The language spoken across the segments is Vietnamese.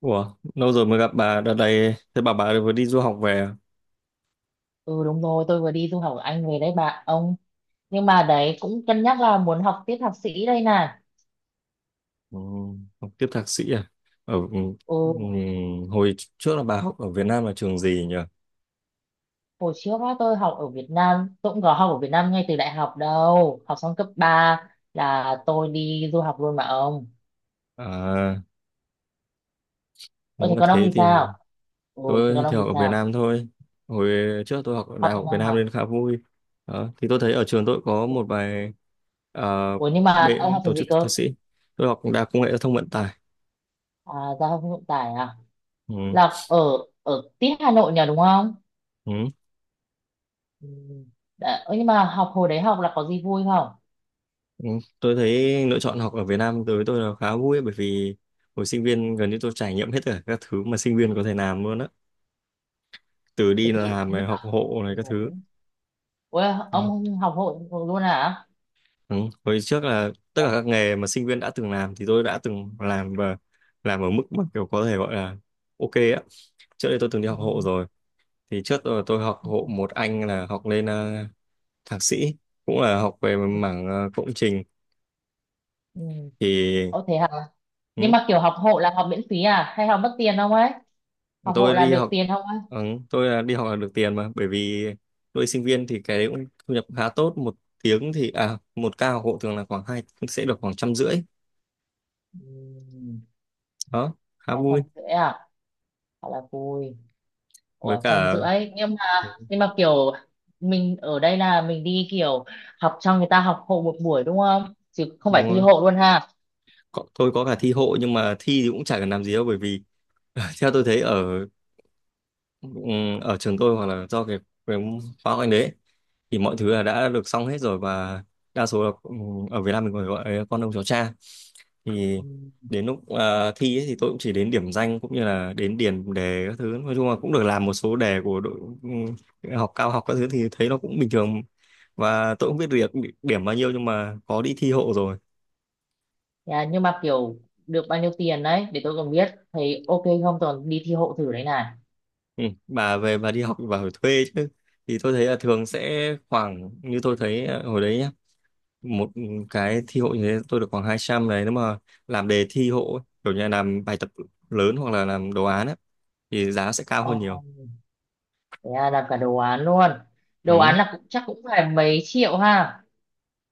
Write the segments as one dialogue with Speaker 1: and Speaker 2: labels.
Speaker 1: Ủa, lâu rồi mới gặp bà đợt này thế bà vừa đi du học về à?
Speaker 2: Ừ đúng rồi, tôi vừa đi du học ở Anh về đấy bạn ông. Nhưng mà đấy cũng cân nhắc là muốn học tiếp thạc sĩ đây nè.
Speaker 1: Ừ. Học tiếp thạc sĩ à? Ừ. Ừ.
Speaker 2: Ừ,
Speaker 1: Hồi trước là bà học ở Việt Nam là trường gì nhỉ?
Speaker 2: hồi trước á, tôi học ở Việt Nam, tôi cũng có học ở Việt Nam ngay từ đại học đâu. Học xong cấp 3 là tôi đi du học luôn mà ông.
Speaker 1: À, nếu
Speaker 2: Ôi thế
Speaker 1: mà
Speaker 2: còn ông
Speaker 1: thế
Speaker 2: thì
Speaker 1: thì
Speaker 2: sao? Ừ, thế
Speaker 1: tôi
Speaker 2: còn
Speaker 1: thì
Speaker 2: ông thì
Speaker 1: học ở Việt
Speaker 2: sao?
Speaker 1: Nam thôi. Hồi trước tôi học ở
Speaker 2: Học
Speaker 1: Đại
Speaker 2: Việt
Speaker 1: học Việt
Speaker 2: Nam
Speaker 1: Nam
Speaker 2: à?
Speaker 1: nên khá vui đó. Thì tôi thấy ở trường tôi có một vài, à,
Speaker 2: Ủa nhưng mà ông học
Speaker 1: tổ
Speaker 2: trường gì
Speaker 1: chức
Speaker 2: cơ?
Speaker 1: thạc sĩ. Tôi học Đại học Công nghệ Giao thông Vận tải.
Speaker 2: À, giao thông vận tải à?
Speaker 1: Ừ.
Speaker 2: Là ở ở tít Hà Nội nhỉ đúng không?
Speaker 1: Ừ.
Speaker 2: Ừ. Đã, ơ, nhưng mà hồi đấy học là có gì vui không?
Speaker 1: Ừ, tôi thấy lựa chọn học ở Việt Nam đối với tôi là khá vui ấy, bởi vì hồi sinh viên gần như tôi trải nghiệm hết tất cả các thứ mà sinh viên có thể làm luôn á, từ đi
Speaker 2: Thì
Speaker 1: làm này,
Speaker 2: nhưng mà
Speaker 1: học hộ này,
Speaker 2: ừ,
Speaker 1: các thứ
Speaker 2: đấy. Ủa, ông
Speaker 1: đó.
Speaker 2: không học hội luôn hả?
Speaker 1: Ừ. Hồi trước là tất
Speaker 2: Dạ.
Speaker 1: cả các nghề mà sinh viên đã từng làm thì tôi đã từng làm, và làm ở mức mà kiểu có thể gọi là ok á. Trước đây tôi từng đi học hộ
Speaker 2: Ừ.
Speaker 1: rồi. Thì trước tôi học hộ
Speaker 2: Ừ.
Speaker 1: một anh là học lên thạc sĩ, cũng là học về mảng công trình
Speaker 2: Ừ.
Speaker 1: thì.
Speaker 2: Ồ thế hả? Nhưng
Speaker 1: Ừ.
Speaker 2: mà kiểu học hộ là học miễn phí à? Hay học mất tiền không ấy? Học hộ
Speaker 1: Tôi
Speaker 2: là
Speaker 1: đi
Speaker 2: được
Speaker 1: học,
Speaker 2: tiền không ấy?
Speaker 1: ừ, tôi là đi học là được tiền mà, bởi vì tôi sinh viên thì cái đấy cũng thu nhập khá tốt. Một tiếng thì, à, một ca học hộ thường là khoảng hai sẽ được khoảng 150
Speaker 2: Ừ.
Speaker 1: đó, khá
Speaker 2: Dạ, trăm
Speaker 1: vui.
Speaker 2: rưỡi à? Thật là vui.
Speaker 1: Với
Speaker 2: Ủa, trăm
Speaker 1: cả.
Speaker 2: rưỡi. Nhưng mà,
Speaker 1: Ừ,
Speaker 2: nhưng mà kiểu mình ở đây là mình đi kiểu học cho người ta học hộ một buổi đúng không? Chứ không phải
Speaker 1: đúng
Speaker 2: thi
Speaker 1: rồi.
Speaker 2: hộ luôn ha?
Speaker 1: Có, tôi có cả thi hộ nhưng mà thi thì cũng chả cần làm gì đâu, bởi vì theo tôi thấy ở, ở trường tôi, hoặc là do cái khóa của anh đấy ấy, thì mọi thứ là đã được xong hết rồi, và đa số là, ở Việt Nam mình còn gọi là con ông cháu cha. Thì
Speaker 2: Ừ.
Speaker 1: đến lúc, à, thi ấy, thì tôi cũng chỉ đến điểm danh, cũng như là đến điền đề các thứ. Nói chung là cũng được làm một số đề của đội, ừm, học cao học các thứ thì thấy nó cũng bình thường, và tôi cũng biết được điểm bao nhiêu, nhưng mà có đi thi hộ rồi.
Speaker 2: Dạ, nhưng mà kiểu được bao nhiêu tiền đấy? Để tôi còn biết. Thấy ok không? Tôi còn đi thi hộ thử đấy này.
Speaker 1: Ừ. Bà về bà đi học thì bà phải thuê chứ. Thì tôi thấy là thường sẽ khoảng, như tôi thấy, à, hồi đấy nhá, một cái thi hộ như thế tôi được khoảng 200 đấy. Nếu mà làm đề thi hộ ấy, kiểu như là làm bài tập lớn hoặc là làm đồ án ấy, thì giá sẽ cao
Speaker 2: Ồ.
Speaker 1: hơn nhiều.
Speaker 2: Thế à, làm cả đồ án luôn, đồ
Speaker 1: Ừ.
Speaker 2: án là cũng chắc cũng phải mấy triệu ha.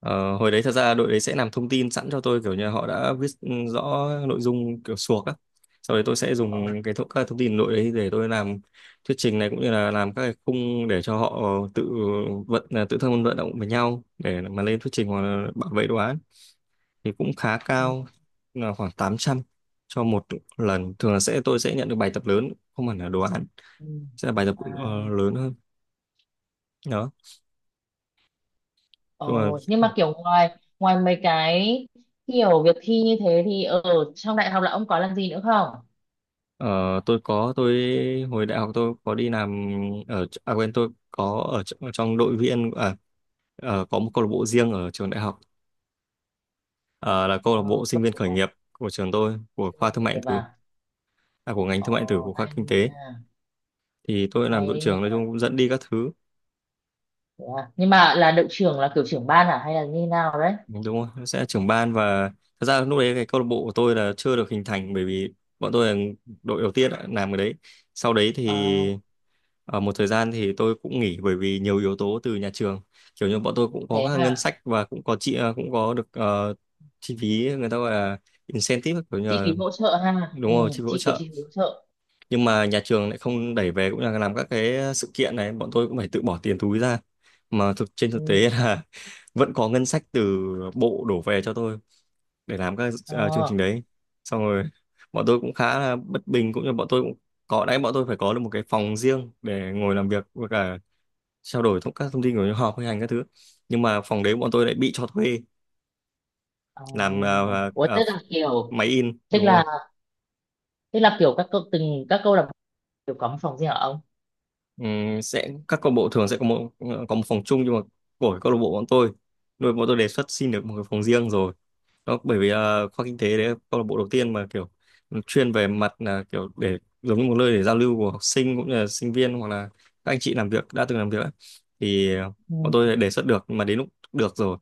Speaker 1: ờ, Hồi đấy thật ra đội đấy sẽ làm thông tin sẵn cho tôi, kiểu như là họ đã viết rõ nội dung kiểu suộc á. Sau đấy tôi sẽ
Speaker 2: Ờ,
Speaker 1: dùng các thông tin đội đấy để tôi làm thuyết trình này, cũng như là làm các cái khung để cho họ tự vận tự thân vận động với nhau để mà lên thuyết trình hoặc là bảo vệ đồ án thì cũng khá
Speaker 2: ừ,
Speaker 1: cao, là khoảng 800 cho một lần. Thường là tôi sẽ nhận được bài tập lớn, không hẳn là đồ án,
Speaker 2: ừ.
Speaker 1: sẽ là bài tập
Speaker 2: À,
Speaker 1: lớn hơn. Đó
Speaker 2: ờ,
Speaker 1: chung là.
Speaker 2: nhưng mà kiểu ngoài ngoài mấy cái kiểu việc thi như thế thì ở trong đại học là ông có làm gì nữa không?
Speaker 1: Tôi hồi đại học tôi có đi làm ở, à quên, tôi có ở trong đội viên à, có một câu lạc bộ riêng ở trường đại học. Ờ, là câu lạc bộ
Speaker 2: Ờ,
Speaker 1: sinh
Speaker 2: câu lạc
Speaker 1: viên khởi
Speaker 2: bộ
Speaker 1: nghiệp của trường tôi, của
Speaker 2: sinh
Speaker 1: khoa
Speaker 2: viên
Speaker 1: thương
Speaker 2: khởi
Speaker 1: mại điện
Speaker 2: nghiệp
Speaker 1: tử.
Speaker 2: à?
Speaker 1: À, của ngành
Speaker 2: Ờ,
Speaker 1: thương mại điện tử của khoa
Speaker 2: hay
Speaker 1: kinh tế.
Speaker 2: nha.
Speaker 1: Thì tôi làm
Speaker 2: Hay
Speaker 1: đội
Speaker 2: đấy nha.
Speaker 1: trưởng, nói chung cũng dẫn đi các thứ.
Speaker 2: Thế à. Nhưng mà là đội trưởng là kiểu trưởng ban à hay là như nào đấy?
Speaker 1: Đúng rồi, nó sẽ là trưởng ban. Và thật ra lúc đấy cái câu lạc bộ của tôi là chưa được hình thành, bởi vì bọn tôi là đội đầu tiên đã làm cái đấy. Sau đấy
Speaker 2: Ờ,
Speaker 1: thì ở một thời gian thì tôi cũng nghỉ, bởi vì nhiều yếu tố từ nhà trường. Kiểu như bọn tôi cũng có
Speaker 2: thế
Speaker 1: các ngân
Speaker 2: à.
Speaker 1: sách và cũng có được chi phí, người ta gọi là incentive, kiểu như
Speaker 2: Chi
Speaker 1: là.
Speaker 2: phí hỗ trợ ha.
Speaker 1: Đúng
Speaker 2: Ừ,
Speaker 1: rồi, chi phí hỗ
Speaker 2: kiểu
Speaker 1: trợ.
Speaker 2: chi phí hỗ trợ.
Speaker 1: Nhưng mà nhà trường lại không đẩy về, cũng là làm các cái sự kiện này bọn tôi cũng phải tự bỏ tiền túi ra, mà thực trên thực
Speaker 2: Ừ.
Speaker 1: tế là vẫn có ngân sách từ bộ đổ về cho tôi để làm các chương
Speaker 2: Ờ.
Speaker 1: trình đấy. Xong rồi, bọn tôi cũng khá là bất bình, cũng như bọn tôi cũng có đấy, bọn tôi phải có được một cái phòng riêng để ngồi làm việc với cả trao đổi các thông tin của những họp hay hành các thứ. Nhưng mà phòng đấy bọn tôi lại bị cho thuê
Speaker 2: Ờ,
Speaker 1: làm
Speaker 2: ủa
Speaker 1: máy in.
Speaker 2: tức
Speaker 1: Đúng rồi.
Speaker 2: là tức là kiểu các câu từng các câu lạc bộ đều có một phòng riêng hả ông?
Speaker 1: Sẽ Các câu lạc bộ thường sẽ có có một phòng chung. Nhưng mà của câu lạc bộ bọn tôi nuôi, bọn tôi đề xuất xin được một cái phòng riêng rồi. Đó, bởi vì khoa kinh tế đấy là câu lạc bộ đầu tiên mà kiểu chuyên về mặt là kiểu để giống như một nơi để giao lưu của học sinh, cũng như là sinh viên hoặc là các anh chị làm việc đã từng làm việc ấy. Thì bọn
Speaker 2: Ừ.
Speaker 1: tôi đã đề xuất được nhưng mà đến lúc được rồi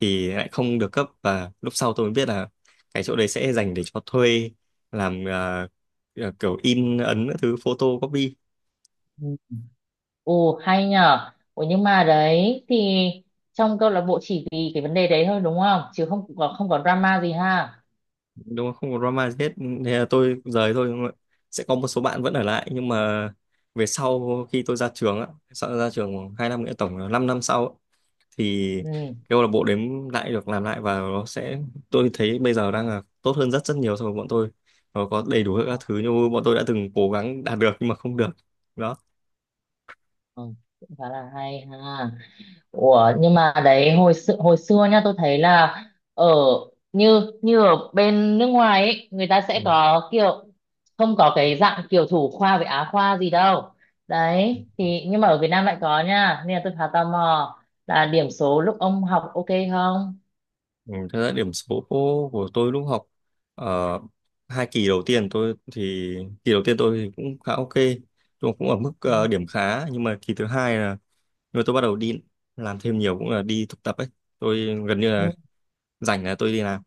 Speaker 1: thì lại không được cấp, và lúc sau tôi mới biết là cái chỗ đấy sẽ dành để cho thuê làm kiểu in ấn các thứ, photo copy.
Speaker 2: Ừ. Ồ hay nhờ, ủa nhưng mà đấy thì trong câu lạc bộ chỉ vì cái vấn đề đấy thôi đúng không, chứ không có drama gì ha?
Speaker 1: Đúng không, không có drama gì hết. Thế là tôi rời thôi, đúng không ạ? Sẽ có một số bạn vẫn ở lại, nhưng mà về sau khi tôi ra trường á, sau ra trường khoảng 2 năm nữa, tổng là 5 năm sau á, thì
Speaker 2: Ừ.
Speaker 1: cái câu lạc bộ đếm lại được làm lại, và nó sẽ tôi thấy bây giờ đang là tốt hơn rất rất nhiều so với bọn tôi. Nó có đầy đủ
Speaker 2: Ờ,
Speaker 1: các thứ như bọn tôi đã từng cố gắng đạt được nhưng mà không được đó.
Speaker 2: ờ, cũng khá là hay ha. Ủa nhưng mà đấy hồi xưa nha, tôi thấy là ở như như ở bên nước ngoài ấy, người ta sẽ có kiểu không có cái dạng kiểu thủ khoa với á khoa gì đâu, đấy thì nhưng mà ở Việt Nam lại có nha, nên là tôi khá tò mò là điểm số lúc ông học ok không?
Speaker 1: Ừ, thật ra điểm số của tôi lúc học ở hai kỳ đầu tiên, tôi thì kỳ đầu tiên tôi thì cũng khá ok, tôi cũng ở mức điểm
Speaker 2: Ừ,
Speaker 1: khá. Nhưng mà kỳ thứ hai là, nhưng mà tôi bắt đầu đi làm thêm nhiều, cũng là đi thực tập ấy, tôi gần như là
Speaker 2: ừ,
Speaker 1: rảnh là tôi đi làm.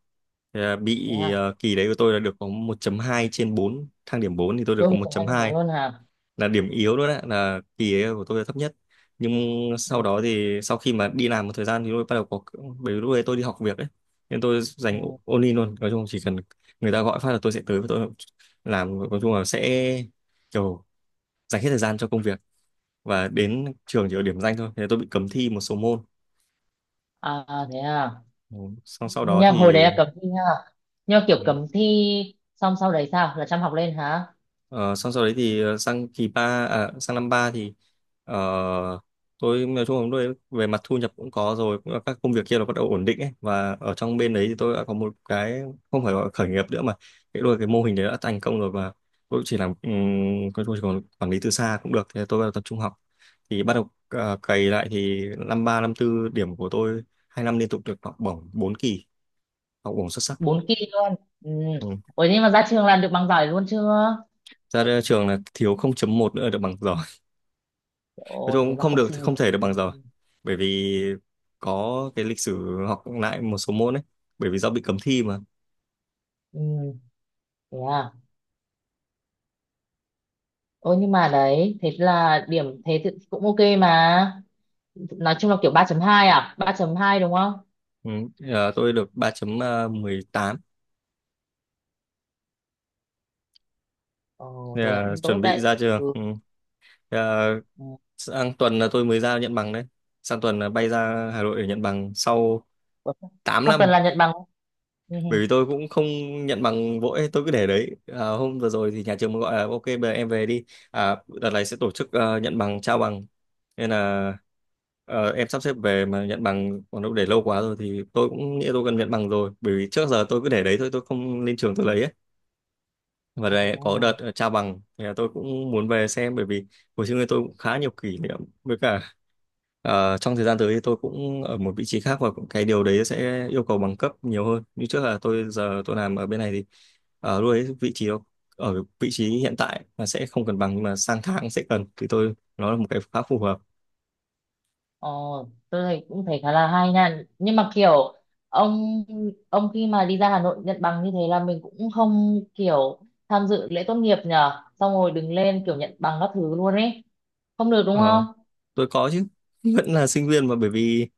Speaker 1: Thì là
Speaker 2: thế
Speaker 1: bị,
Speaker 2: à.
Speaker 1: kỳ đấy của tôi là được có một chấm hai trên bốn, thang điểm 4 thì tôi được
Speaker 2: Ôi
Speaker 1: có
Speaker 2: một
Speaker 1: một
Speaker 2: hai
Speaker 1: chấm
Speaker 2: bốn
Speaker 1: hai,
Speaker 2: luôn hả?
Speaker 1: là điểm yếu luôn đấy, là kỳ ấy của tôi là thấp nhất. Nhưng
Speaker 2: Ừ,
Speaker 1: sau đó thì, sau khi mà đi làm một thời gian, thì tôi bắt đầu có, bởi vì lúc đấy tôi đi học việc ấy nên tôi dành
Speaker 2: ừ.
Speaker 1: only luôn, nói chung chỉ cần người ta gọi phát là tôi sẽ tới và tôi làm, nói chung là sẽ kiểu dành hết thời gian cho công việc, và đến trường chỉ ở điểm danh thôi, thế tôi bị cấm thi một số môn.
Speaker 2: À à, thế à.
Speaker 1: Ừ. xong sau đó
Speaker 2: Nhưng hồi đấy
Speaker 1: thì
Speaker 2: là cấm thi ha. Nhưng mà kiểu
Speaker 1: ừ,
Speaker 2: cấm thi xong sau đấy sao, là chăm học lên hả?
Speaker 1: Ờ, Xong sau đấy thì, sang năm ba thì ờ, tôi nói chung là tôi về mặt thu nhập cũng có rồi, cũng là các công việc kia nó bắt đầu ổn định ấy, và ở trong bên đấy thì tôi đã có một cái không phải gọi là khởi nghiệp nữa, mà cái đôi cái mô hình đấy đã thành công rồi. Và tôi chỉ làm, tôi chỉ còn quản lý từ xa cũng được, thì tôi bắt đầu tập trung học. Thì bắt đầu, à, cày lại thì năm ba, năm tư điểm của tôi hai năm liên tục được học bổng 4 kỳ, học bổng xuất sắc.
Speaker 2: 4 kỳ luôn. Ừ.
Speaker 1: Ừ.
Speaker 2: Ủa nhưng mà ra trường làm được bằng giỏi luôn chưa?
Speaker 1: Ra đây trường là thiếu 0,1 nữa là được bằng giỏi. Nói
Speaker 2: Ồ
Speaker 1: chung
Speaker 2: thế
Speaker 1: cũng
Speaker 2: mà
Speaker 1: không
Speaker 2: không
Speaker 1: được,
Speaker 2: xin nghỉ.
Speaker 1: không thể được bằng giờ, bởi vì có cái lịch sử học lại một số môn ấy, bởi vì do bị cấm thi mà.
Speaker 2: Ừ. Thế à. Ôi nhưng mà đấy thế là điểm thế thì cũng ok mà, nói chung là kiểu 3,2 à, 3,2 đúng không?
Speaker 1: Ừ. Tôi được 3,18.
Speaker 2: Ồ
Speaker 1: Thế
Speaker 2: thế
Speaker 1: là
Speaker 2: cũng
Speaker 1: chuẩn
Speaker 2: tốt
Speaker 1: bị
Speaker 2: đấy.
Speaker 1: ra trường.
Speaker 2: Ừ.
Speaker 1: Ừ. Thế là
Speaker 2: Ừ.
Speaker 1: sang tuần là tôi mới ra nhận bằng đấy, sang tuần là bay ra Hà Nội để nhận bằng sau
Speaker 2: Ủa,
Speaker 1: tám
Speaker 2: sắp tuần
Speaker 1: năm
Speaker 2: là nhận bằng. Ừ. Ừ.
Speaker 1: bởi vì tôi cũng không nhận bằng vội, tôi cứ để đấy. À, hôm vừa rồi thì nhà trường mới gọi là ok bây giờ em về đi. À, đợt này sẽ tổ chức, nhận bằng, trao bằng, nên là em sắp xếp về mà nhận bằng, còn đâu để lâu quá rồi thì tôi cũng nghĩ tôi cần nhận bằng rồi, bởi vì trước giờ tôi cứ để đấy thôi, tôi không lên trường tôi lấy ấy, và
Speaker 2: À, thế
Speaker 1: đây có đợt
Speaker 2: à.
Speaker 1: trao bằng thì là tôi cũng muốn về xem, bởi vì hồi xưa tôi cũng khá nhiều kỷ niệm. Với cả. Ờ, trong thời gian tới thì tôi cũng ở một vị trí khác, và cái điều đấy sẽ yêu cầu bằng cấp nhiều hơn. Như trước là tôi giờ tôi làm ở bên này thì, ở lúc đấy vị trí đó, ở vị trí hiện tại là sẽ không cần bằng, nhưng mà sang tháng sẽ cần, thì tôi nó là một cái khá phù hợp.
Speaker 2: Ờ, tôi thấy cũng khá là hay nha, nhưng mà kiểu ông, khi mà đi ra Hà Nội nhận bằng như thế là mình cũng không kiểu tham dự lễ tốt nghiệp nhờ xong rồi đứng lên kiểu nhận bằng các thứ luôn ấy, không được đúng
Speaker 1: Ờ.
Speaker 2: không?
Speaker 1: Tôi có chứ, vẫn là sinh viên mà, bởi vì,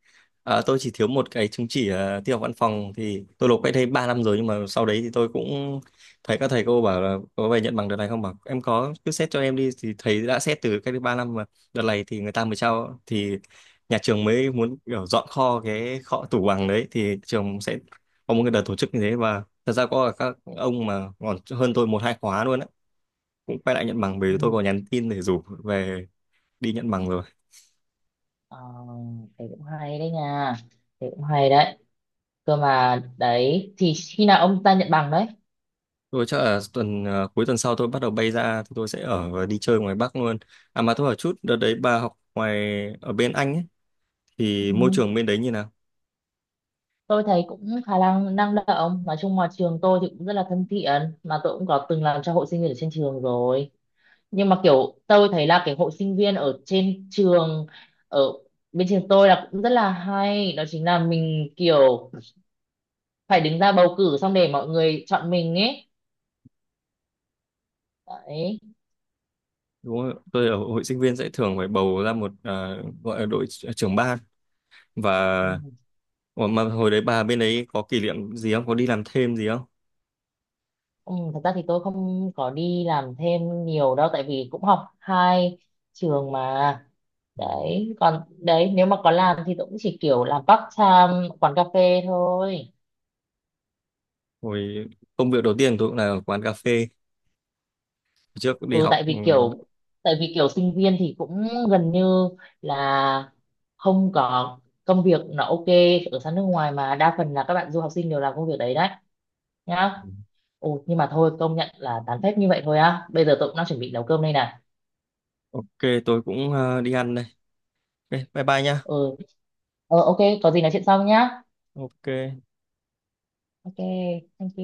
Speaker 1: à, tôi chỉ thiếu một cái chứng chỉ, à, tin học văn phòng thì tôi nộp cách đây 3 năm rồi, nhưng mà sau đấy thì tôi cũng thấy các thầy cô bảo là có về nhận bằng đợt này không, bảo em có cứ xét cho em đi, thì thầy đã xét từ cách đây 3 năm mà đợt này thì người ta mới trao, thì nhà trường mới muốn kiểu dọn kho, cái kho tủ bằng đấy thì trường sẽ có một cái đợt tổ chức như thế. Và thật ra có các ông mà còn hơn tôi một hai khóa luôn á, cũng quay lại nhận bằng, bởi vì tôi
Speaker 2: Ừ.
Speaker 1: có nhắn tin để rủ về đi nhận bằng rồi.
Speaker 2: Ờ, thế cũng hay đấy nha, thế cũng hay đấy. Cơ mà đấy thì khi nào ông ta nhận bằng đấy?
Speaker 1: Tôi chắc là cuối tuần sau tôi bắt đầu bay ra, thì tôi sẽ ở và đi chơi ngoài Bắc luôn. À mà tôi hỏi chút, đợt đấy bà học ngoài, ở bên Anh ấy, thì
Speaker 2: Ừ.
Speaker 1: môi trường bên đấy như nào?
Speaker 2: Tôi thấy cũng khá là năng động, nói chung là trường tôi thì cũng rất là thân thiện, mà tôi cũng có từng làm cho hội sinh viên ở trên trường rồi, nhưng mà kiểu tôi thấy là cái hội sinh viên ở trên trường ở bên trường tôi là cũng rất là hay, đó chính là mình kiểu phải đứng ra bầu cử xong để mọi người chọn mình ấy đấy.
Speaker 1: Đúng không? Tôi ở hội sinh viên sẽ thường phải bầu ra một, à, gọi là trưởng ban và.
Speaker 2: Ừ.
Speaker 1: Ủa, mà hồi đấy bà bên đấy có kỷ niệm gì không? Có đi làm thêm gì không?
Speaker 2: Ừ, thật ra thì tôi không có đi làm thêm nhiều đâu tại vì cũng học hai trường mà.
Speaker 1: Ừ.
Speaker 2: Đấy còn đấy, nếu mà có làm thì tôi cũng chỉ kiểu làm part time quán cà phê thôi.
Speaker 1: Hồi, công việc đầu tiên tôi cũng là ở quán cà phê. Trước đi
Speaker 2: Ừ,
Speaker 1: học,
Speaker 2: tại vì kiểu sinh viên thì cũng gần như là không có công việc nó ok, ở sang nước ngoài mà đa phần là các bạn du học sinh đều làm công việc đấy đấy nhá. Ồ, nhưng mà thôi công nhận là tán phép như vậy thôi á, bây giờ tôi cũng đang chuẩn bị nấu cơm đây nè.
Speaker 1: ok, tôi cũng, à, đi ăn đây. Ok, bye bye nha.
Speaker 2: Ừ, ờ ok, có gì nói chuyện sau nhá.
Speaker 1: Ok.
Speaker 2: Ok, thank you.